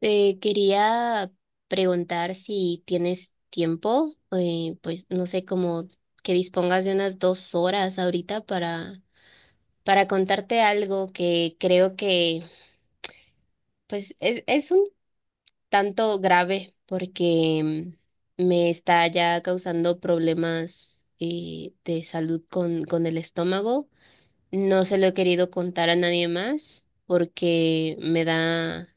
Te quería preguntar si tienes tiempo, pues no sé, como que dispongas de unas 2 horas ahorita para contarte algo que creo que pues es un tanto grave porque me está ya causando problemas, de salud con el estómago. No se lo he querido contar a nadie más porque me da,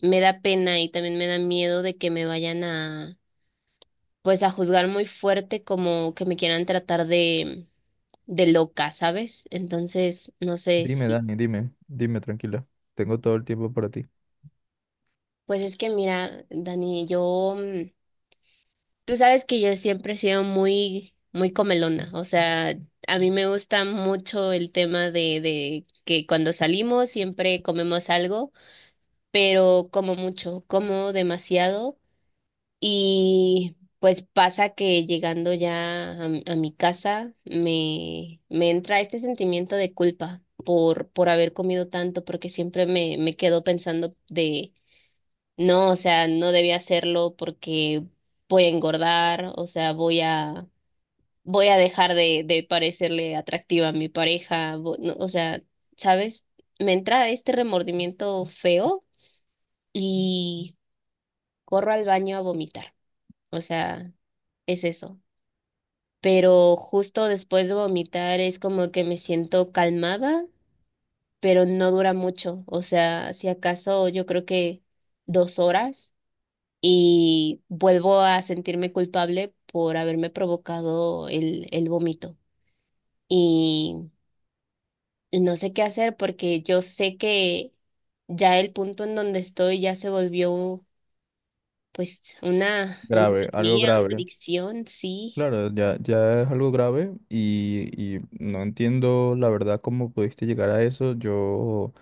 me da pena y también me da miedo de que me vayan a pues a juzgar muy fuerte como que me quieran tratar de loca, ¿sabes? Entonces, no sé Dime, si, Dani, dime, dime, tranquila. Tengo todo el tiempo para ti. pues es que mira, Dani, yo, tú sabes que yo siempre he sido muy, muy comelona, o sea, a mí me gusta mucho el tema de que cuando salimos siempre comemos algo, pero como mucho, como demasiado. Y pues pasa que llegando ya a mi casa me entra este sentimiento de culpa por haber comido tanto, porque siempre me quedo pensando no, o sea, no debía hacerlo porque voy a engordar, o sea, voy a dejar de parecerle atractiva a mi pareja, no, o sea, ¿sabes? Me entra este remordimiento feo y corro al baño a vomitar, o sea, es eso. Pero justo después de vomitar es como que me siento calmada, pero no dura mucho, o sea, si acaso yo creo que dos horas y vuelvo a sentirme culpable por haberme provocado el vómito. Y no sé qué hacer porque yo sé que ya el punto en donde estoy ya se volvió pues una Grave, algo manía, una grave. adicción, sí. Claro, ya, ya es algo grave y no entiendo la verdad cómo pudiste llegar a eso. Yo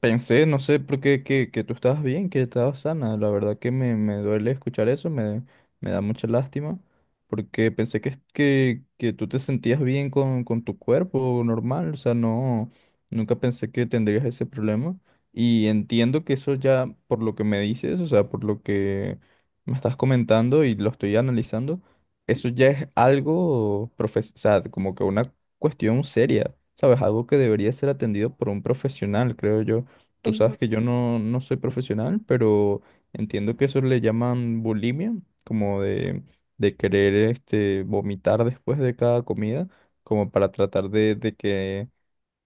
pensé, no sé por qué, que tú estabas bien, que estabas sana. La verdad que me duele escuchar eso, me da mucha lástima, porque pensé que tú te sentías bien con tu cuerpo normal, o sea, no, nunca pensé que tendrías ese problema. Y entiendo que eso ya, por lo que me dices, o sea, por lo que me estás comentando y lo estoy analizando, eso ya es algo, profes o sea, como que una cuestión seria, ¿sabes? Algo que debería ser atendido por un profesional, creo yo. Tú Ujú. sabes que yo no, no soy profesional, pero entiendo que eso le llaman bulimia, como de querer este, vomitar después de cada comida, como para tratar de que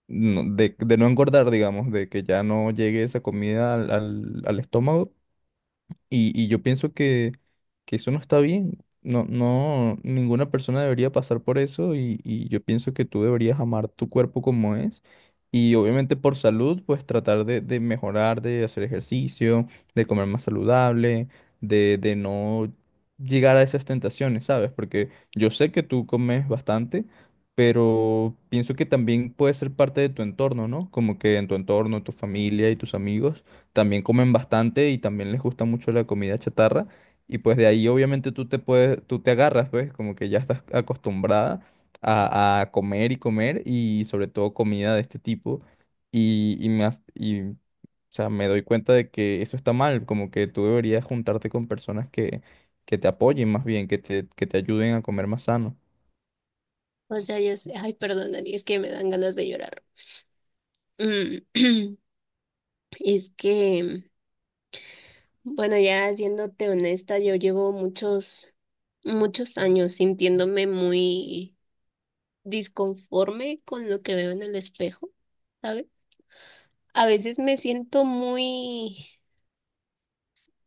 de no engordar, digamos, de que ya no llegue esa comida al, al estómago y yo pienso que eso no está bien. No, no, ninguna persona debería pasar por eso y yo pienso que tú deberías amar tu cuerpo como es y obviamente por salud pues tratar de mejorar, de hacer ejercicio, de comer más saludable, de no llegar a esas tentaciones, ¿sabes? Porque yo sé que tú comes bastante, pero pienso que también puede ser parte de tu entorno, ¿no? Como que en tu entorno, tu familia y tus amigos también comen bastante y también les gusta mucho la comida chatarra. Y pues de ahí obviamente tú te puedes, tú te agarras, pues como que ya estás acostumbrada a comer y comer y sobre todo comida de este tipo. O sea, me doy cuenta de que eso está mal, como que tú deberías juntarte con personas que te apoyen más bien, que te ayuden a comer más sano. O sea, yo sé, ay, perdón, Dani, es que me dan ganas de llorar. Mm. Es que, bueno, ya siéndote honesta, yo llevo muchos, muchos años sintiéndome muy disconforme con lo que veo en el espejo, ¿sabes? A veces me siento muy,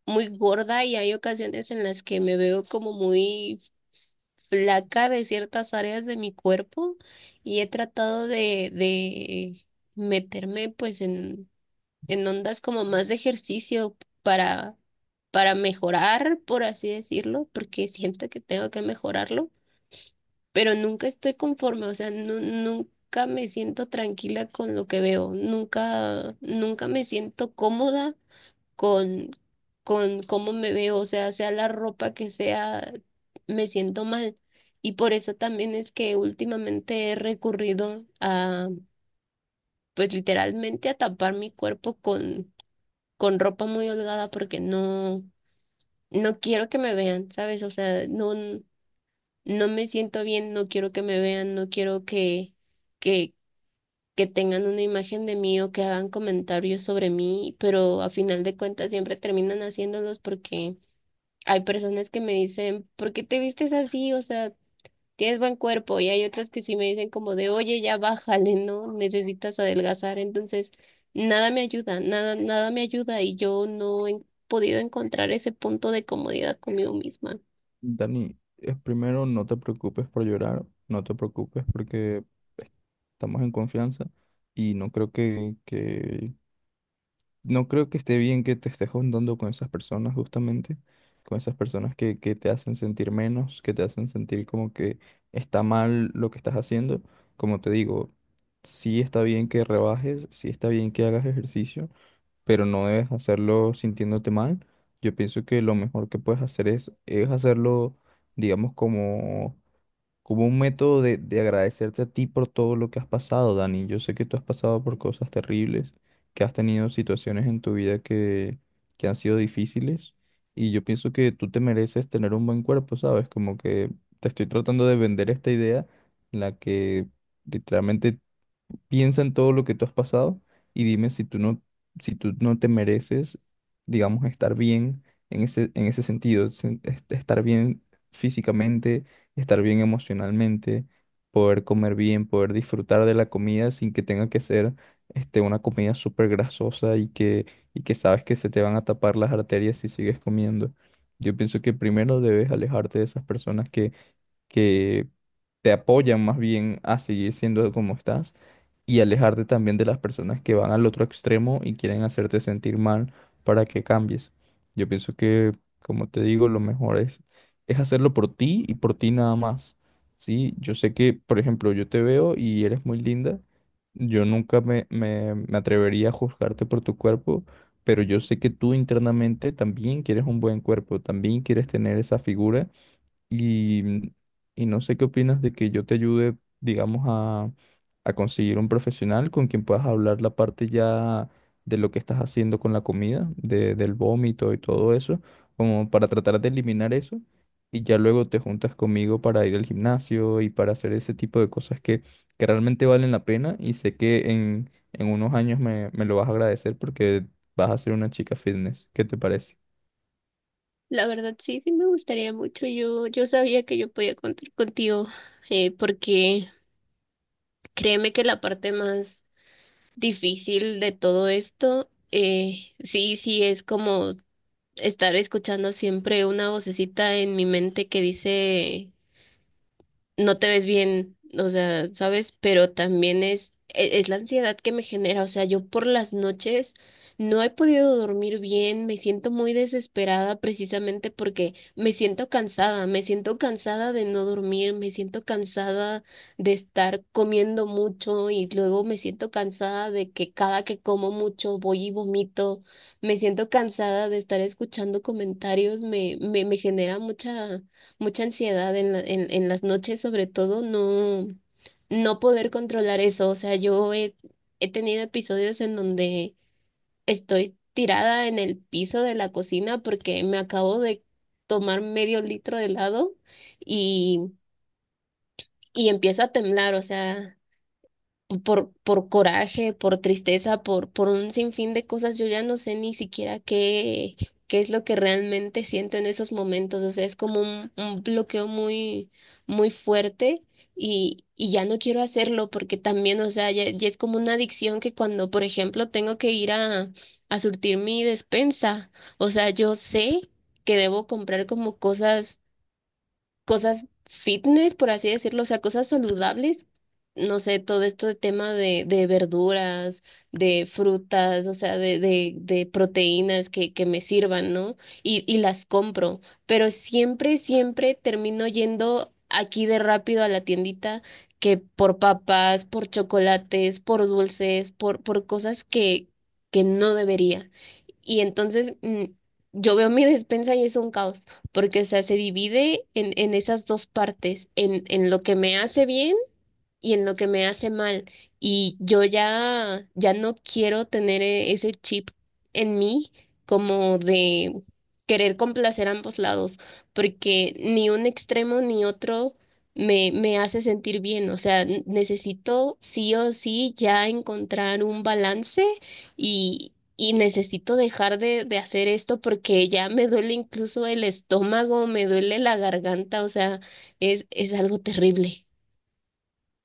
muy gorda y hay ocasiones en las que me veo como muy flaca de ciertas áreas de mi cuerpo y he tratado de meterme pues en ondas como más de ejercicio para, para mejorar, por así decirlo, porque siento que tengo que mejorarlo, pero nunca estoy conforme, o sea, nunca me siento tranquila con lo que veo, nunca, nunca me siento cómoda con, con cómo me veo, o sea, sea la ropa que sea, me siento mal. Y por eso también es que últimamente he recurrido pues literalmente a tapar mi cuerpo con ropa muy holgada porque no, no quiero que me vean, ¿sabes? O sea, no, no me siento bien, no quiero que me vean, no quiero que, que tengan una imagen de mí o que hagan comentarios sobre mí, pero a final de cuentas siempre terminan haciéndolos porque hay personas que me dicen, ¿por qué te vistes así? O sea, tienes buen cuerpo y hay otras que sí me dicen como de, oye, ya bájale, ¿no? Necesitas adelgazar. Entonces, nada me ayuda, nada, nada me ayuda y yo no he podido encontrar ese punto de comodidad conmigo misma. Dani, es primero no te preocupes por llorar, no te preocupes porque estamos en confianza y no creo que no creo que esté bien que te estés juntando con esas personas justamente, con esas personas que te hacen sentir menos, que te hacen sentir como que está mal lo que estás haciendo. Como te digo, sí está bien que rebajes, sí está bien que hagas ejercicio, pero no debes hacerlo sintiéndote mal. Yo pienso que lo mejor que puedes hacer es hacerlo, digamos, como un método de agradecerte a ti por todo lo que has pasado, Dani. Yo sé que tú has pasado por cosas terribles, que has tenido situaciones en tu vida que han sido difíciles y yo pienso que tú te mereces tener un buen cuerpo, ¿sabes? Como que te estoy tratando de vender esta idea en la que literalmente piensa en todo lo que tú has pasado y dime si tú no, si tú no te mereces, digamos, estar bien en ese sentido, estar bien físicamente, estar bien emocionalmente, poder comer bien, poder disfrutar de la comida sin que tenga que ser este, una comida súper grasosa y que sabes que se te van a tapar las arterias si sigues comiendo. Yo pienso que primero debes alejarte de esas personas que te apoyan más bien a seguir siendo como estás y alejarte también de las personas que van al otro extremo y quieren hacerte sentir mal para que cambies. Yo pienso que, como te digo, lo mejor es hacerlo por ti y por ti nada más. Sí, yo sé que, por ejemplo, yo te veo y eres muy linda. Yo nunca me atrevería a juzgarte por tu cuerpo, pero yo sé que tú internamente también quieres un buen cuerpo, también quieres tener esa figura y, y no sé qué opinas de que yo te ayude, digamos, a conseguir un profesional con quien puedas hablar la parte ya de lo que estás haciendo con la comida, del vómito y todo eso, como para tratar de eliminar eso. Y ya luego te juntas conmigo para ir al gimnasio y para hacer ese tipo de cosas que realmente valen la pena. Y sé que en unos años me lo vas a agradecer porque vas a ser una chica fitness. ¿Qué te parece? La verdad, sí, sí me gustaría mucho. Yo sabía que yo podía contar contigo, porque créeme que la parte más difícil de todo esto, sí, sí, es como estar escuchando siempre una vocecita en mi mente que dice no te ves bien, o sea, ¿sabes? Pero también es la ansiedad que me genera, o sea, yo por las noches no he podido dormir bien, me siento muy desesperada precisamente porque me siento cansada de no dormir, me siento cansada de estar comiendo mucho y luego me siento cansada de que cada que como mucho voy y vomito, me siento cansada de estar escuchando comentarios, me genera mucha mucha ansiedad en las noches, sobre todo, no, no poder controlar eso. O sea, yo he tenido episodios en donde estoy tirada en el piso de la cocina porque me acabo de tomar medio litro de helado y, empiezo a temblar. O sea, por coraje, por tristeza, por un sinfín de cosas, yo ya no sé ni siquiera qué es lo que realmente siento en esos momentos. O sea, es como un bloqueo muy, muy fuerte y, ya no quiero hacerlo porque también, o sea, ya, ya es como una adicción que cuando, por ejemplo, tengo que ir a surtir mi despensa, o sea, yo sé que debo comprar como cosas fitness, por así decirlo, o sea, cosas saludables. No sé, todo esto de tema de verduras, de frutas, o sea, de proteínas que me sirvan, ¿no? Y las compro, pero siempre, siempre termino yendo aquí de rápido a la tiendita que por papas, por chocolates, por dulces, por cosas que no debería. Y entonces yo veo mi despensa y es un caos porque, o sea, se divide en esas 2 partes, en lo que me hace bien y en lo que me hace mal. Y yo ya, ya no quiero tener ese chip en mí como de querer complacer ambos lados, porque ni un extremo ni otro me hace sentir bien. O sea, necesito sí o sí ya encontrar un balance y... Y necesito dejar de hacer esto porque ya me duele incluso el estómago, me duele la garganta, o sea, es algo terrible.